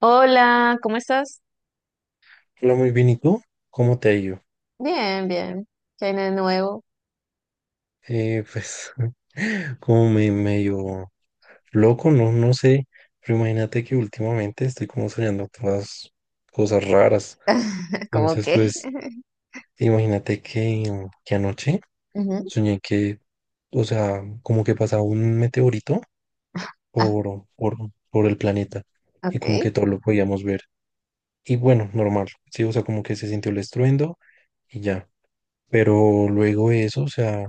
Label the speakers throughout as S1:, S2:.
S1: Hola, ¿cómo estás?
S2: Hola, muy bien. ¿Y tú? ¿Cómo te ha ido?
S1: Bien, bien. ¿Qué hay de nuevo?
S2: Eh, pues, como me medio loco, no sé. Pero imagínate que últimamente estoy como soñando todas cosas raras.
S1: ¿Cómo
S2: Entonces,
S1: qué?
S2: pues, imagínate que anoche
S1: Ujú.
S2: soñé que, o sea, como que pasaba un meteorito
S1: Ah,
S2: por, por, por el planeta y como
S1: ok.
S2: que todo lo podíamos ver. Y bueno, normal, sí, o sea, como que se sintió el estruendo y ya. Pero luego de eso, o sea.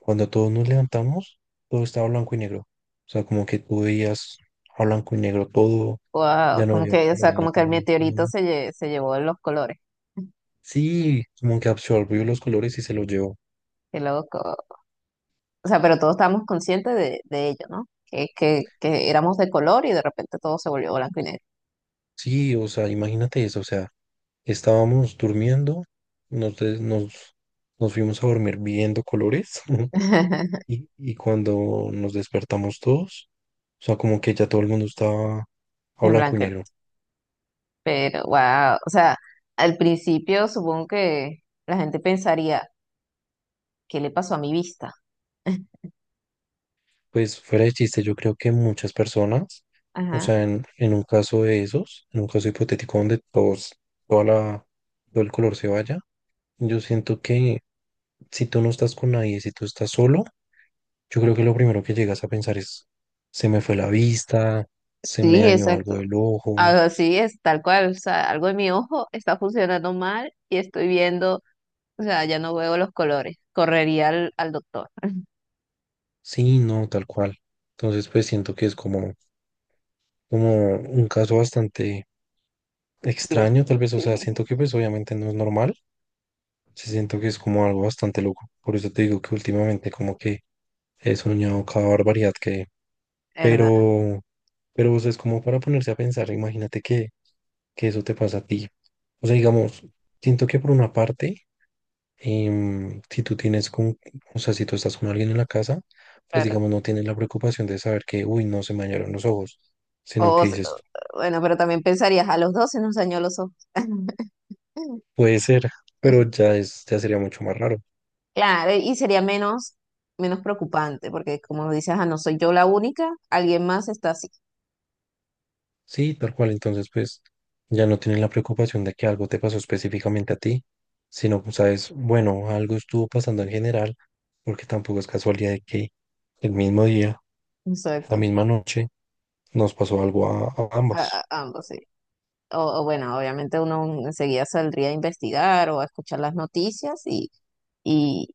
S2: Cuando todos nos levantamos, todo estaba blanco y negro. O sea, como que tú veías a blanco y negro todo,
S1: Wow,
S2: ya no
S1: como
S2: había
S1: que, o
S2: color
S1: sea,
S2: en la
S1: como que el meteorito
S2: televisión.
S1: se llevó los colores.
S2: Sí, como que absorbió los colores y se los llevó.
S1: Qué loco. O sea, pero todos estábamos conscientes de ello, ¿no? Que éramos de color y de repente todo se volvió blanco y negro.
S2: Sí, o sea, imagínate eso, o sea, estábamos durmiendo, nos, des- nos, nos fuimos a dormir viendo colores y cuando nos despertamos todos, o sea, como que ya todo el mundo estaba a
S1: En
S2: blanco y
S1: blanco y negro.
S2: negro.
S1: Pero, wow. O sea, al principio supongo que la gente pensaría, ¿qué le pasó a mi vista?
S2: Pues fuera de chiste, yo creo que muchas personas, o
S1: Ajá.
S2: sea, en un caso de esos, en un caso hipotético donde todos, toda la, todo el color se vaya, yo siento que si tú no estás con nadie, si tú estás solo, yo creo que lo primero que llegas a pensar es, se me fue la vista, se me
S1: Sí,
S2: dañó algo
S1: exacto.
S2: del ojo,
S1: Así es, tal cual, o sea, algo en mi ojo está funcionando mal y estoy viendo, o sea, ya no veo los colores, correría al doctor.
S2: sí, no, tal cual. Entonces, pues siento que es como, como un caso bastante
S1: Dios.
S2: extraño, tal vez, o sea,
S1: Sí.
S2: siento que pues obviamente no es normal se siento que es como algo bastante loco. Por eso te digo que últimamente como que he soñado cada barbaridad que...
S1: ¿Verdad?
S2: Pero, pero o sea, es como para ponerse a pensar, imagínate que eso te pasa a ti. O sea, digamos, siento que por una parte, si tú tienes con, o sea, si tú estás con alguien en la casa, pues
S1: Claro.
S2: digamos, no tienes la preocupación de saber que, uy, no se me dañaron los ojos, sino
S1: O, o-
S2: que dices,
S1: bueno, pero también pensarías, a los 12 nos dañó los ojos.
S2: puede ser, pero ya es, ya sería mucho más raro.
S1: Claro, y sería menos, menos preocupante, porque como dices, ah, no soy yo la única, alguien más está así.
S2: Sí, tal cual. Entonces, pues ya no tienes la preocupación de que algo te pasó específicamente a ti, sino, pues, sabes, bueno, algo estuvo pasando en general, porque tampoco es casualidad de que el mismo día, la
S1: Exacto.
S2: misma noche, nos pasó algo a ambos.
S1: Ambos, sí. O bueno, obviamente uno enseguida saldría a investigar o a escuchar las noticias y,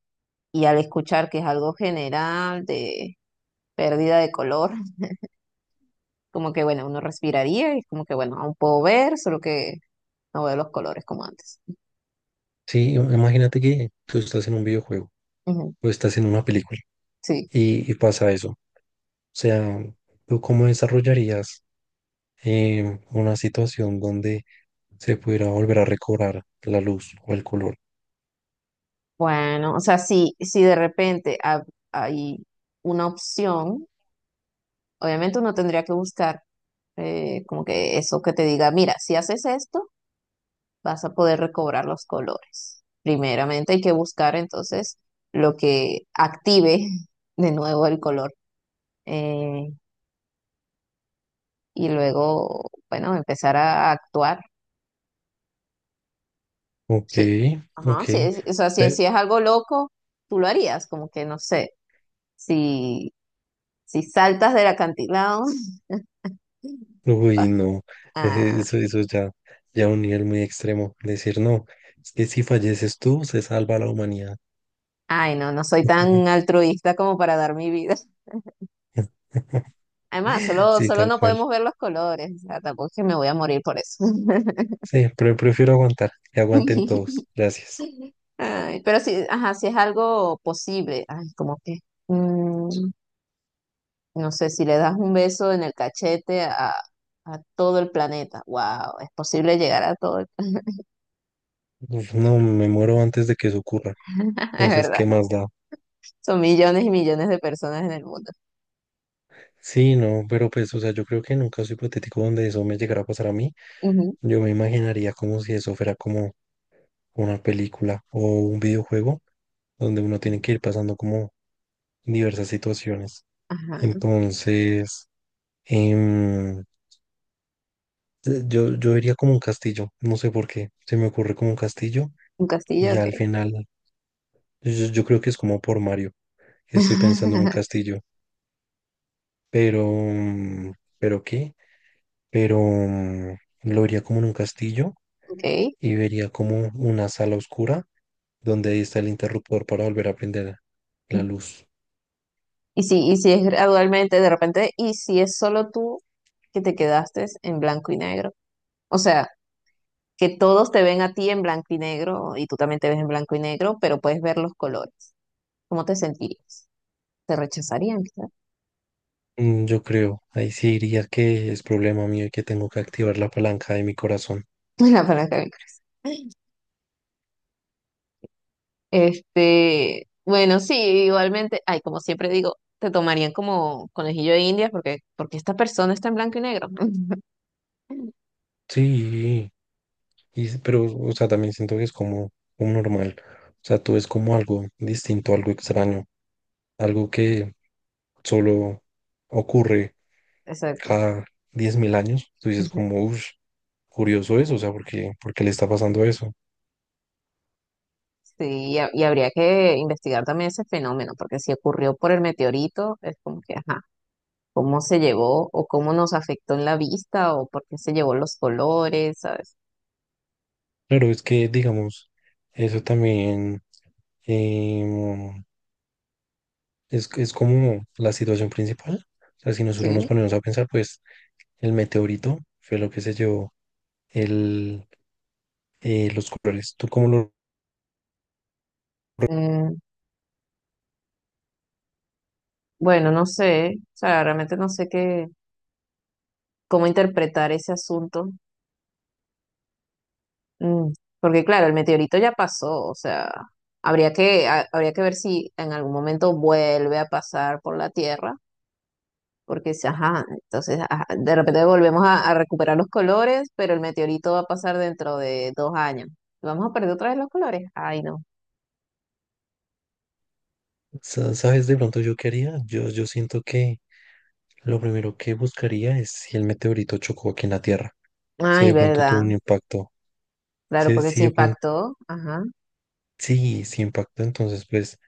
S1: y al escuchar que es algo general de pérdida de color, como que bueno, uno respiraría y como que bueno, aún puedo ver, solo que no veo los colores como antes.
S2: Sí, imagínate que tú estás en un videojuego
S1: Ujú,
S2: o estás en una película
S1: sí.
S2: y pasa eso. O sea, ¿tú cómo desarrollarías una situación donde se pudiera volver a recobrar la luz o el color?
S1: Bueno, o sea, si de repente hay una opción, obviamente uno tendría que buscar como que eso que te diga, mira, si haces esto, vas a poder recobrar los colores. Primeramente hay que buscar entonces lo que active de nuevo el color. Eh, y luego, bueno, empezar a actuar.
S2: Ok,
S1: Sí, ajá,
S2: ok.
S1: sí, o sea,
S2: Pe-
S1: si es algo loco, tú lo harías, como que no sé, si, si saltas del acantilado,
S2: Uy, no,
S1: ah,
S2: eso ya, ya un nivel muy extremo. Decir, no, es que si falleces tú, se salva la humanidad.
S1: ay, no, no soy tan altruista como para dar mi vida. Además,
S2: Sí,
S1: solo
S2: tal
S1: no
S2: cual.
S1: podemos ver los colores, o sea, tampoco es que me voy a morir por eso.
S2: Sí, pero prefiero aguantar, que aguanten todos. Gracias.
S1: Ay, pero sí, ajá, si es algo posible, ay, como que, mm, no sé, si le das un beso en el cachete a todo el planeta, wow, es posible llegar a todo el
S2: Uf, no, me muero antes de que eso ocurra.
S1: planeta, es
S2: Entonces,
S1: verdad.
S2: ¿qué más da?
S1: Son millones y millones de personas en el mundo.
S2: Sí, no, pero pues, o sea, yo creo que en un caso hipotético donde eso me llegara a pasar a mí,
S1: Ujú,
S2: yo me imaginaría como si eso fuera como una película o un videojuego donde uno tiene que ir pasando como diversas situaciones.
S1: ajá,
S2: Entonces, em, yo diría como un castillo, no sé por qué, se me ocurre como un castillo
S1: un castillo,
S2: y al
S1: ok.
S2: final, yo creo que es como por Mario, estoy pensando en un castillo, pero, mm, ¿pero qué? Pero mm, lo vería como en un castillo
S1: Ok.
S2: y vería como una sala oscura donde ahí está el interruptor para volver a prender la luz.
S1: Y si es gradualmente, de repente, y si es solo tú que te quedaste en blanco y negro. O sea, que todos te ven a ti en blanco y negro y tú también te ves en blanco y negro, pero puedes ver los colores. ¿Cómo te sentirías? ¿Te rechazarían, quizás?
S2: Mm, yo creo, ahí sí diría que es problema mío y que tengo que activar la palanca de mi corazón.
S1: La palabra que me ocurre. Este, bueno, sí, igualmente, ay, como siempre digo, te tomarían como conejillo de India porque, porque esta persona está en blanco y negro.
S2: Sí. Y, s- pero, o sea, también siento que es como, como normal. O sea, tú es como algo distinto, algo extraño, algo que solo ocurre
S1: Exacto.
S2: cada 10.000 años. Tú dices
S1: Ujú.
S2: como, uff, curioso eso, o sea, porque porque le está pasando eso?
S1: Sí, y, y habría que investigar también ese fenómeno, porque si ocurrió por el meteorito, es como que, ajá, cómo se llevó o cómo nos afectó en la vista o por qué se llevó los colores, ¿sabes?
S2: Claro, es que, digamos, eso también em, es como la situación principal. O sea, si nosotros nos
S1: Sí.
S2: ponemos a pensar, pues el meteorito fue lo que se llevó el, los colores. ¿Tú cómo lo
S1: Mm, bueno, no sé, o sea, realmente no sé qué, cómo interpretar ese asunto. Mm, porque claro, el meteorito ya pasó, o sea, habría habría que ver si en algún momento vuelve a pasar por la Tierra, porque si, ajá, entonces ajá, de repente volvemos a recuperar los colores, pero el meteorito va a pasar dentro de dos años. ¿Vamos a perder otra vez los colores? Ay, no.
S2: Sa- ¿Sabes de pronto yo qué haría? Yo siento que lo primero que buscaría es si el meteorito chocó aquí en la Tierra, si
S1: Ay,
S2: de pronto tuvo
S1: verdad.
S2: un impacto,
S1: Claro,
S2: si,
S1: porque
S2: si
S1: se
S2: de pronto,
S1: impactó. Ajá,
S2: sí, sí impactó, entonces pues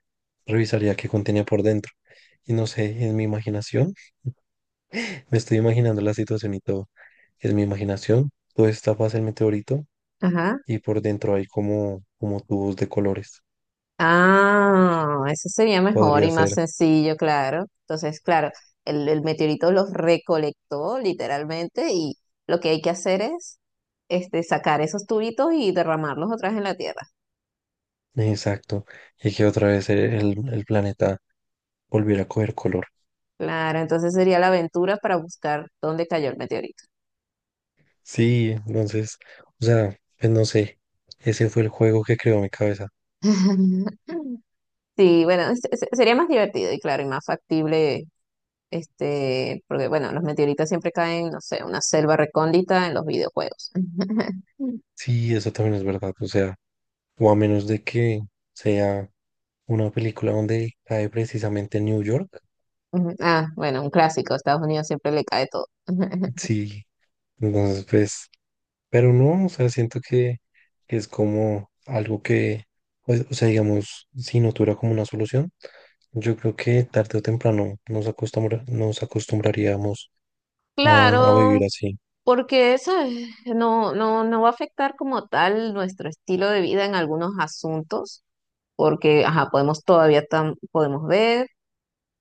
S2: revisaría qué contenía por dentro. Y no sé, en mi imaginación, me estoy imaginando la situación y todo, es mi imaginación, todo está pasa el meteorito
S1: ajá.
S2: y por dentro hay como, como tubos de colores,
S1: Ah, eso sería mejor y
S2: podría
S1: más
S2: ser,
S1: sencillo, claro. Entonces, claro, el meteorito los recolectó literalmente y lo que hay que hacer es este, sacar esos tubitos y derramarlos otra vez en la tierra.
S2: exacto, y que otra vez el planeta volviera a coger color.
S1: Claro, entonces sería la aventura para buscar dónde cayó el meteorito.
S2: Sí, entonces, o sea, pues no sé, ese fue el juego que creó mi cabeza.
S1: Sí, bueno, sería más divertido y claro, y más factible, este, porque bueno, los meteoritos siempre caen, no sé, en una selva recóndita en los videojuegos.
S2: Sí, eso también es verdad, o sea, o a menos de que sea una película donde cae precisamente en New York,
S1: Ujú. Ah, bueno, un clásico. Estados Unidos siempre le cae todo.
S2: sí, entonces pues, pero no, o sea, siento que es como algo que, pues, o sea, digamos, si no tuviera como una solución, yo creo que tarde o temprano nos acostumbra, nos acostumbraríamos a, a
S1: Claro,
S2: vivir así.
S1: porque eso no, no, no va a afectar como tal nuestro estilo de vida en algunos asuntos, porque ajá, podemos todavía podemos ver,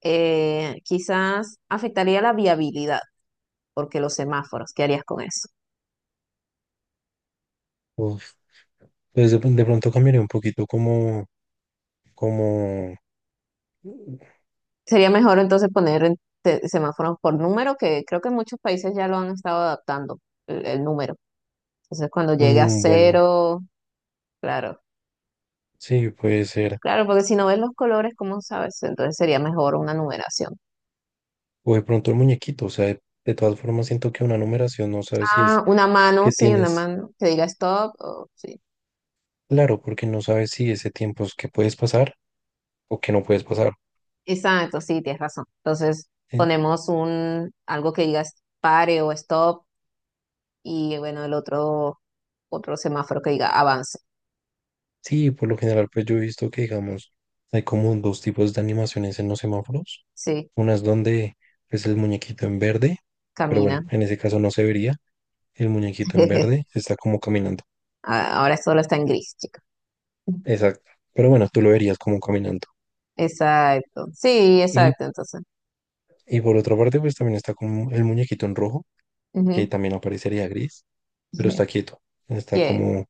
S1: quizás afectaría la viabilidad, porque los semáforos, ¿qué harías con eso?
S2: Uf, pues de pronto cambiaría un poquito como Como,
S1: Sería mejor entonces poner semáforos por número, que creo que en muchos países ya lo han estado adaptando, el número. Entonces cuando llegue a
S2: mm, bueno,
S1: cero, claro.
S2: sí, puede ser.
S1: Claro, porque si no ves los colores, ¿cómo sabes? Entonces sería mejor una numeración.
S2: O de pronto el muñequito, o sea, de todas formas siento que una numeración no sabes si es
S1: Ah, una mano,
S2: que
S1: sí, una
S2: tienes,
S1: mano que diga stop. O, sí.
S2: claro, porque no sabes si ese tiempo es que puedes pasar o que no puedes pasar.
S1: Exacto, sí, tienes razón. Entonces
S2: En-
S1: ponemos un algo que diga pare o stop y bueno, el otro semáforo que diga avance.
S2: Sí, por lo general, pues yo he visto que, digamos, hay como dos tipos de animaciones en los semáforos.
S1: Sí,
S2: Unas donde, pues, el muñequito en verde, pero
S1: camina.
S2: bueno, en ese caso no se vería. El muñequito en verde está como caminando.
S1: Ah, ahora solo está en gris, chica.
S2: Exacto. Pero bueno, tú lo verías como caminando.
S1: Exacto. Sí,
S2: Y
S1: exacto, entonces.
S2: Y por otra parte, pues también está como el muñequito en rojo, que
S1: Ujú.
S2: también aparecería gris, pero está quieto. Está
S1: Yeah.
S2: como,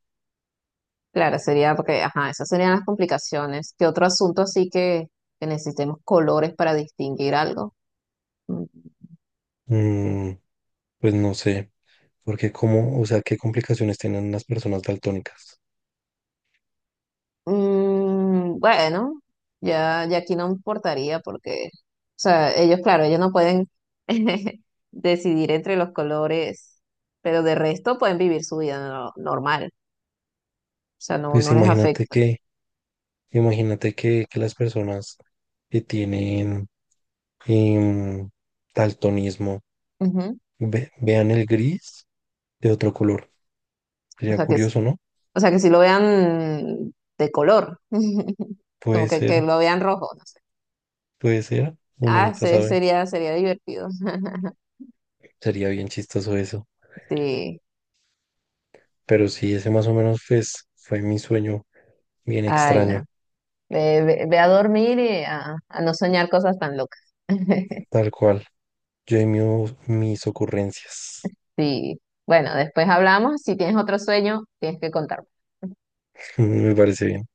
S1: Claro, sería porque, ajá, esas serían las complicaciones. ¿Qué otro asunto así que necesitemos colores para distinguir algo? Mm,
S2: mm, pues no sé, porque como, o sea, qué complicaciones tienen las personas daltónicas.
S1: bueno, ya aquí no importaría porque, o sea, ellos, claro, ellos no pueden decidir entre los colores, pero de resto pueden vivir su vida normal, o sea, no,
S2: Pues
S1: no les afecta.
S2: imagínate que las personas que tienen em, daltonismo
S1: Ujú.
S2: ve- vean el gris de otro color.
S1: O
S2: Sería
S1: sea que,
S2: curioso, ¿no?
S1: o sea que si lo vean de color, como
S2: Puede
S1: que
S2: ser,
S1: lo vean rojo, no sé.
S2: puede ser, uno
S1: Ah,
S2: nunca sabe.
S1: sería, sería divertido.
S2: Sería bien chistoso eso.
S1: Sí,
S2: Pero sí, ese más o menos pues, fue mi sueño bien
S1: ay, no.
S2: extraño,
S1: Ve a dormir y a no soñar cosas tan locas.
S2: tal cual. Yo y mi- mis ocurrencias.
S1: Sí, bueno, después hablamos. Si tienes otro sueño, tienes que contar.
S2: Me parece bien.